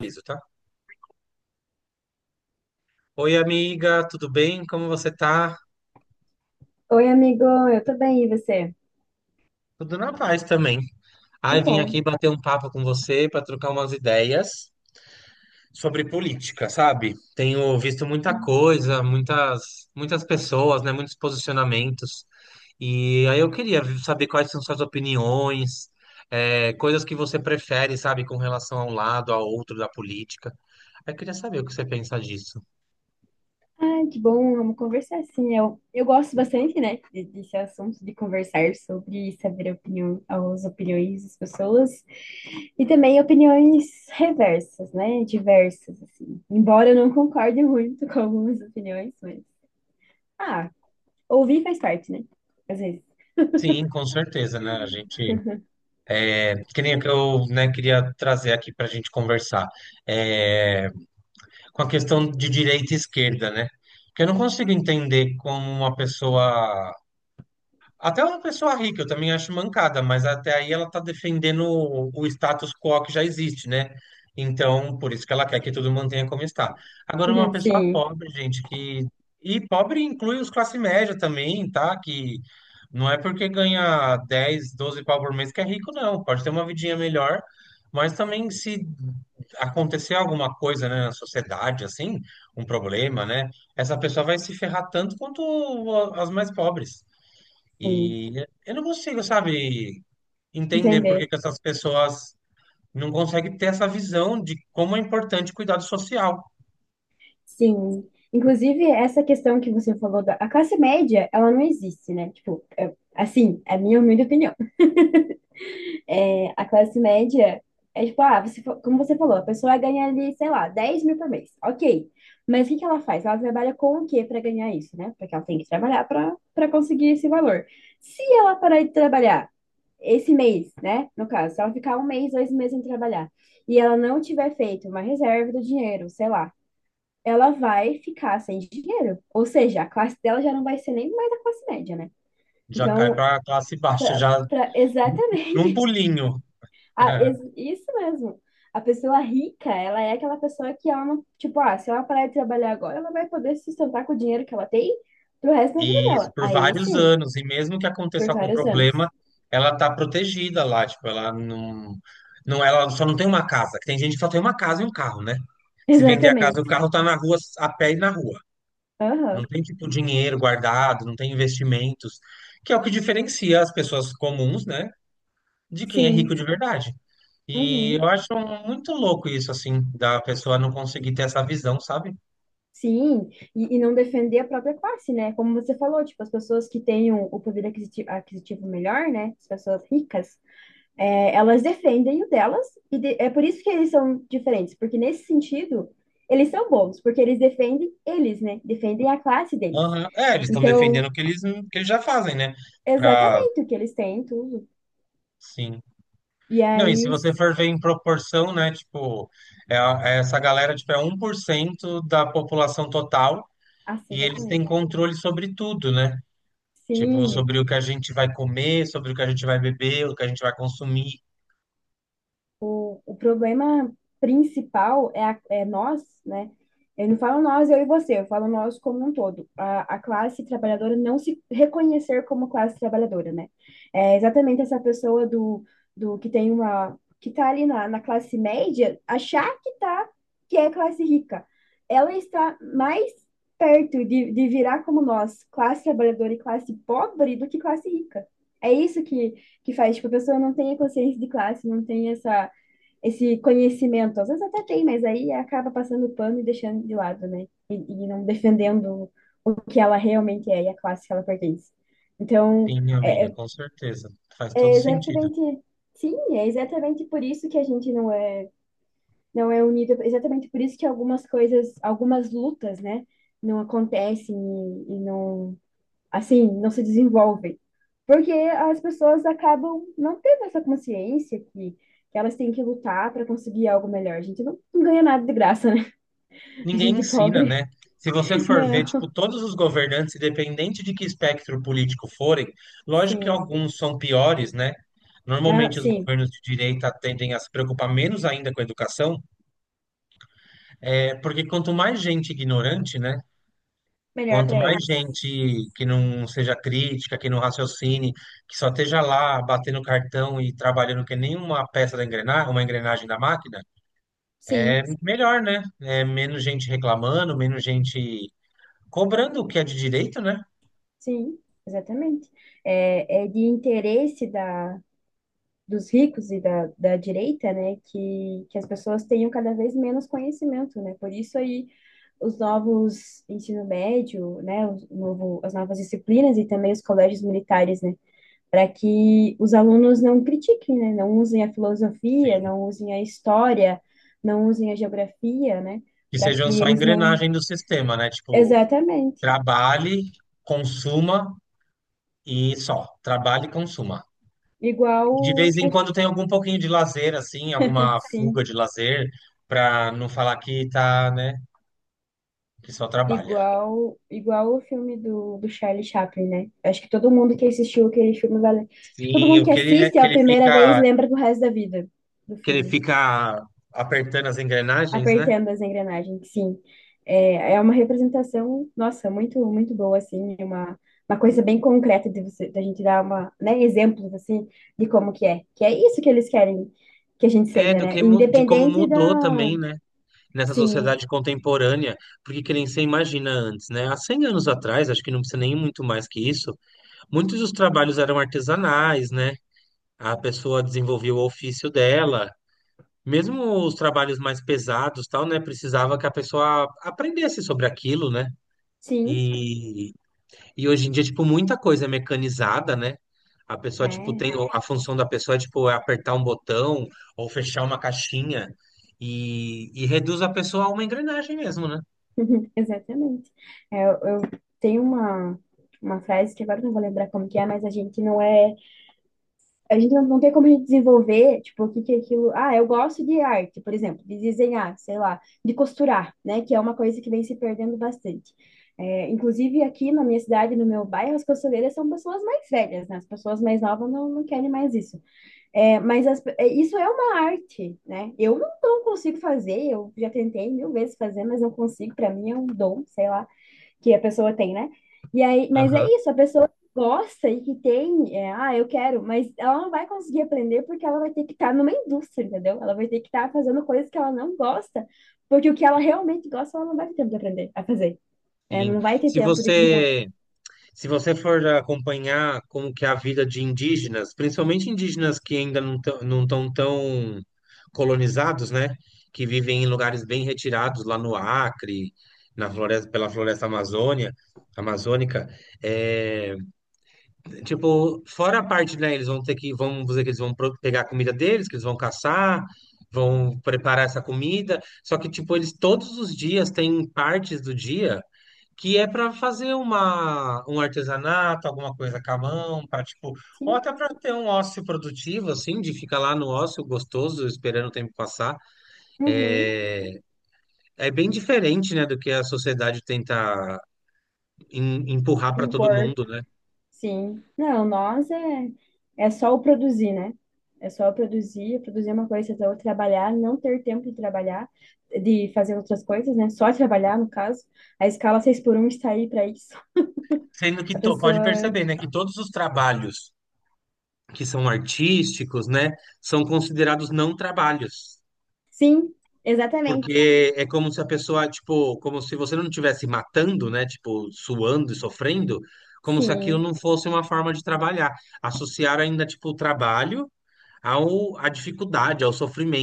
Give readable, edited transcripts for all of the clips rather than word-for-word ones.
Aviso, tá? Oi, amiga, tudo bem? Como você tá? Oi, amigo, eu tô bem, e você? Tudo na paz também. Que Ai, vim bom. aqui bater um papo com você para trocar umas ideias sobre política, sabe? Tenho visto muita coisa, muitas, muitas pessoas, né? Muitos posicionamentos. E aí eu queria saber quais são suas opiniões, coisas que você prefere, sabe, com relação a um lado, ao outro da política. Aí eu queria saber o que você pensa disso. Ah, que bom, vamos conversar, sim. Eu gosto bastante, né, desse assunto, de conversar sobre saber a opinião, as opiniões das pessoas e também opiniões reversas, né, diversas, assim. Embora eu não concorde muito com algumas opiniões, mas, ah, ouvir faz parte, né, às vezes. Sim, com certeza, né? A gente, que nem que eu, né, queria trazer aqui para a gente conversar, é, com a questão de direita e esquerda, né? Porque eu não consigo entender como uma pessoa até uma pessoa rica eu também acho mancada, mas até aí ela está defendendo o status quo que já existe, né? Então, por isso que ela quer que tudo mantenha como está. Agora, uma pessoa Sim, pobre, gente, que. E pobre inclui os classe média também, tá? Que não é porque ganha 10, 12 pau por mês que é rico, não. Pode ter uma vidinha melhor, mas também se acontecer alguma coisa, né, na sociedade, assim, um problema, né? Essa pessoa vai se ferrar tanto quanto as mais pobres. sim, E eu não consigo, sabe, entender por que entender. que essas pessoas não conseguem ter essa visão de como é importante o cuidado social. Sim. Inclusive, essa questão que você falou da a classe média, ela não existe, né? Tipo, assim, é a minha humilde opinião. É, a classe média é tipo, ah, você, como você falou, a pessoa ganha ali, sei lá, 10 mil por mês. Ok. Mas o que que ela faz? Ela trabalha com o quê para ganhar isso, né? Porque ela tem que trabalhar para conseguir esse valor. Se ela parar de trabalhar esse mês, né? No caso, se ela ficar um mês, 2 meses sem trabalhar, e ela não tiver feito uma reserva do dinheiro, sei lá, ela vai ficar sem dinheiro. Ou seja, a classe dela já não vai ser nem mais a classe média, né? Já cai Então, para a classe baixa, já num exatamente, pulinho. Isso mesmo. A pessoa rica, ela é aquela pessoa que ela não, tipo, ah, se ela parar de trabalhar agora, ela vai poder se sustentar com o dinheiro que ela tem pro resto da vida E isso dela. por Aí vários sim, anos. E mesmo que por aconteça algum vários problema, anos. ela tá protegida lá. Tipo, ela não, não, ela só não tem uma casa. Tem gente que só tem uma casa e um carro, né? Se vender a casa e o Exatamente. carro, tá na rua, a pé e na rua. Não Aham. tem, tipo, dinheiro guardado, não tem investimentos, que é o que diferencia as pessoas comuns, né, de quem é rico Sim. de verdade. E Uhum. eu acho muito louco isso, assim, da pessoa não conseguir ter essa visão, sabe? Sim, e não defender a própria classe, né? Como você falou, tipo, as pessoas que têm o poder aquisitivo, aquisitivo melhor, né? As pessoas ricas, é, elas defendem o delas, e é por isso que eles são diferentes, porque nesse sentido, eles são bons, porque eles defendem eles, né? Defendem a classe deles. Aham. É, eles estão defendendo Então, o que eles já fazem, né? Pra, exatamente o que eles têm, tudo. sim. E Não, e se aí, você for ver em proporção, né, tipo, é essa galera, tipo, é 1% da população total nossa, e eles têm exatamente. controle sobre tudo, né? Tipo, Sim, sobre o que a gente vai comer, sobre o que a gente vai beber, o que a gente vai consumir. O problema principal é, é nós, né? Eu não falo nós, eu e você, eu falo nós como um todo. A classe trabalhadora não se reconhecer como classe trabalhadora, né? É exatamente essa pessoa do que tem uma, que tá ali na classe média, achar que tá, que é classe rica. Ela está mais perto de virar como nós, classe trabalhadora e classe pobre, do que classe rica. É isso que faz, tipo, a pessoa não tem a consciência de classe, não tem essa esse conhecimento. Às vezes até tem, mas aí acaba passando pano e deixando de lado, né? E não defendendo o que ela realmente é e a classe que ela pertence. Então, Sim, minha é, amiga, é com certeza. Faz todo é sentido. exatamente. Sim, é exatamente por isso que a gente não é unido, é exatamente por isso que algumas coisas, algumas lutas, né, não acontecem e não assim, não se desenvolvem. Porque as pessoas acabam não tendo essa consciência que elas têm que lutar para conseguir algo melhor. A gente não ganha nada de graça, né? A Ninguém gente ensina, pobre, né? Se você for ver, tipo, não. todos os governantes, independente de que espectro político forem, lógico que Sim, alguns são piores, né? ah, Normalmente os sim, governos de direita tendem a se preocupar menos ainda com a educação, é porque quanto mais gente ignorante, né? melhor Quanto para mais eles. gente que não seja crítica, que não raciocine, que só esteja lá batendo cartão e trabalhando que nem uma peça da engrenagem, uma engrenagem da máquina, Sim, melhor, né? É, menos gente reclamando, menos gente cobrando o que é de direito, né? sim, exatamente. É de interesse da, dos ricos e da, direita, né, que as pessoas tenham cada vez menos conhecimento, né? Por isso aí os novos ensino médio, né, o novo, as novas disciplinas e também os colégios militares, né, para que os alunos não critiquem, né, não usem a filosofia, Sim. não usem a história, não usem a geografia, né, Que para sejam que só eles não... engrenagem do sistema, né? Tipo, Exatamente. trabalhe, consuma e só. Trabalhe e consuma. Igual De vez o... em quando tem algum pouquinho de lazer, assim, alguma fuga Sim. de lazer, para não falar que tá, né? Que só trabalha. Igual o filme do Charlie Chaplin, né? Acho que todo mundo que assistiu aquele filme vai. Tipo, todo Sim, mundo o que que ele é, assiste a primeira vez lembra do resto da vida do que ele filme. fica apertando as engrenagens, né? Apertando as engrenagens, sim. É uma representação, nossa, muito, muito boa, assim. É uma coisa bem concreta de você, da gente dar uma, né, exemplos, assim, de como que é. Que é isso que eles querem que a gente É seja, do né? que de como Independente mudou da. também, né? Nessa Sim, sociedade contemporânea, porque que nem você imagina antes, né? Há 100 anos atrás, acho que não precisa nem muito mais que isso, muitos dos trabalhos eram artesanais, né? A pessoa desenvolvia o ofício dela. Mesmo os trabalhos mais pesados, tal, né? Precisava que a pessoa aprendesse sobre aquilo, né? sim. E hoje em dia, tipo, muita coisa é mecanizada, né? A pessoa, tipo, É. tem a função da pessoa, tipo, é apertar um botão ou fechar uma caixinha e reduz a pessoa a uma engrenagem mesmo, né? Uhum, exatamente. É, eu tenho uma frase que agora eu não vou lembrar como que é, mas a gente não é, a gente não tem como a gente desenvolver, tipo, o que que é aquilo, ah, eu gosto de arte, por exemplo, de desenhar, sei lá, de costurar, né, que é uma coisa que vem se perdendo bastante. É, inclusive aqui na minha cidade, no meu bairro, as costureiras são pessoas mais velhas, né? As pessoas mais novas não querem mais isso. É, mas é, isso é uma arte, né? Eu não consigo fazer, eu já tentei mil vezes fazer, mas não consigo, para mim é um dom, sei lá que a pessoa tem, né? E aí, mas é Aham, isso, a pessoa que gosta e que tem, é, ah, eu quero, mas ela não vai conseguir aprender porque ela vai ter que estar numa indústria, entendeu? Ela vai ter que estar fazendo coisas que ela não gosta, porque o que ela realmente gosta, ela não vai ter tempo de aprender a fazer, né? sim. Não vai ter Se tempo de desenvolver, você, se você for acompanhar como que é a vida de indígenas, principalmente indígenas que ainda não estão tão colonizados, né? Que vivem em lugares bem retirados, lá no Acre, na floresta, pela floresta amazônica, é. Tipo, fora a parte, né? Eles vão ter que, vamos dizer que eles vão pegar a comida deles, que eles vão caçar, vão preparar essa comida. Só que, tipo, eles todos os dias têm partes do dia que é para fazer uma, um artesanato, alguma coisa com a mão, para tipo, ou sim, até para ter um ócio produtivo, assim, de ficar lá no ócio gostoso, esperando o tempo passar. uhum, É, é bem diferente, né, do que a sociedade tenta empurrar para todo impor. mundo, né? Sim. Não, nós é só o produzir, né? É só o produzir, produzir é uma coisa, então trabalhar, não ter tempo de trabalhar, de fazer outras coisas, né? Só trabalhar, no caso. A escala 6x1 está aí para isso. Sendo A que pode pessoa. perceber, né, que todos os trabalhos que são artísticos, né, são considerados não trabalhos, Sim, exatamente. porque é como se a pessoa, tipo, como se você não estivesse matando, né, tipo, suando e sofrendo, como se aquilo Sim. não fosse uma forma de trabalhar. Associar ainda, tipo, o trabalho ao, à dificuldade, ao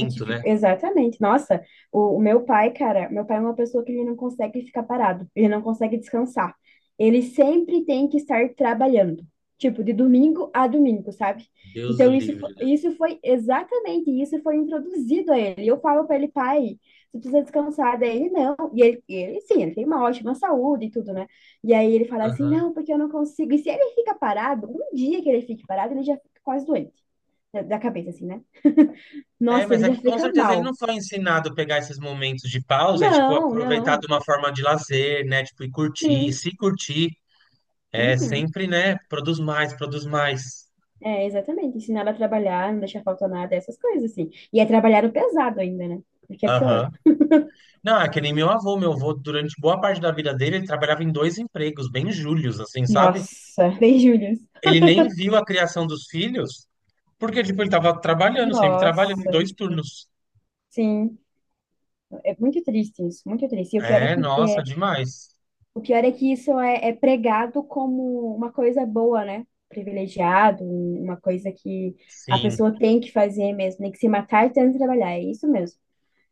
Né? Exatamente. Nossa, o meu pai, cara, meu pai é uma pessoa que ele não consegue ficar parado, ele não consegue descansar. Ele sempre tem que estar trabalhando, tipo, de domingo a domingo, sabe? Deus o Então, isso, fo- livre, né? isso foi exatamente, isso foi introduzido a ele. E eu falo para ele, pai, você precisa descansar. Daí ele, não. E ele, sim, ele tem uma ótima saúde e tudo, né? E aí ele fala assim, Aham. não, porque eu não consigo. E se ele fica parado, um dia que ele fique parado, ele já fica quase doente da cabeça, assim, né? É, Nossa, mas ele é já que com fica certeza ele não mal. foi ensinado a pegar esses momentos de pausa e, tipo, Não, aproveitar de não. uma forma de lazer, né? Tipo, e curtir, Sim. se curtir, é Uhum. sempre, né? Produz mais, produz mais. É, exatamente. Ensinar a trabalhar, não deixar faltar nada, essas coisas, assim. E é trabalhar o pesado ainda, né? Porque é pior. Aham. Não, é que nem meu avô. Meu avô, durante boa parte da vida dele, ele trabalhava em dois empregos, bem júlios, assim, sabe? Nossa, bem, Július. Ele nem viu a criação dos filhos, porque, tipo, ele tava trabalhando, sempre trabalhando em Nossa, dois turnos. sim. É muito triste isso, muito triste. E o pior é É, que, nossa, demais. o pior é que isso é pregado como uma coisa boa, né? Privilegiado, uma coisa que a Sim. pessoa tem que fazer mesmo, tem que se matar e tem que trabalhar. É isso mesmo.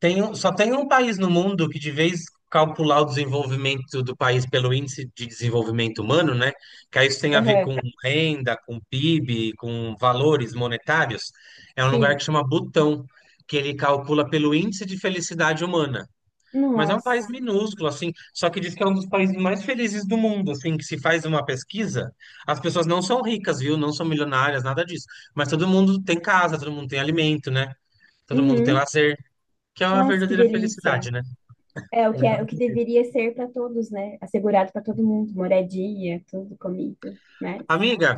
Só tem um país no mundo que, de vez calcular o desenvolvimento do país pelo índice de desenvolvimento humano, né? Que aí isso tem a ver Aham, com renda, com PIB, com valores monetários. É um lugar que sim. chama Butão, que ele calcula pelo índice de felicidade humana. Mas é um país Nossa. minúsculo, assim, só que diz que é um dos países mais felizes do mundo, assim, que se faz uma pesquisa, as pessoas não são ricas, viu? Não são milionárias, nada disso. Mas todo mundo tem casa, todo mundo tem alimento, né? Todo mundo tem Uhum. lazer. Que é a Nossa, que verdadeira felicidade, delícia. né? É a É, o que verdadeira. deveria ser para todos, né? Assegurado para todo mundo, moradia, tudo, comida, mas. Amiga,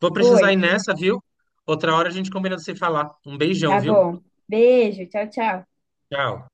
vou Oi, precisar ir nessa, viu? Outra hora a gente combina de se falar. Um beijão, tá viu? bom. Beijo, tchau, tchau. Tchau.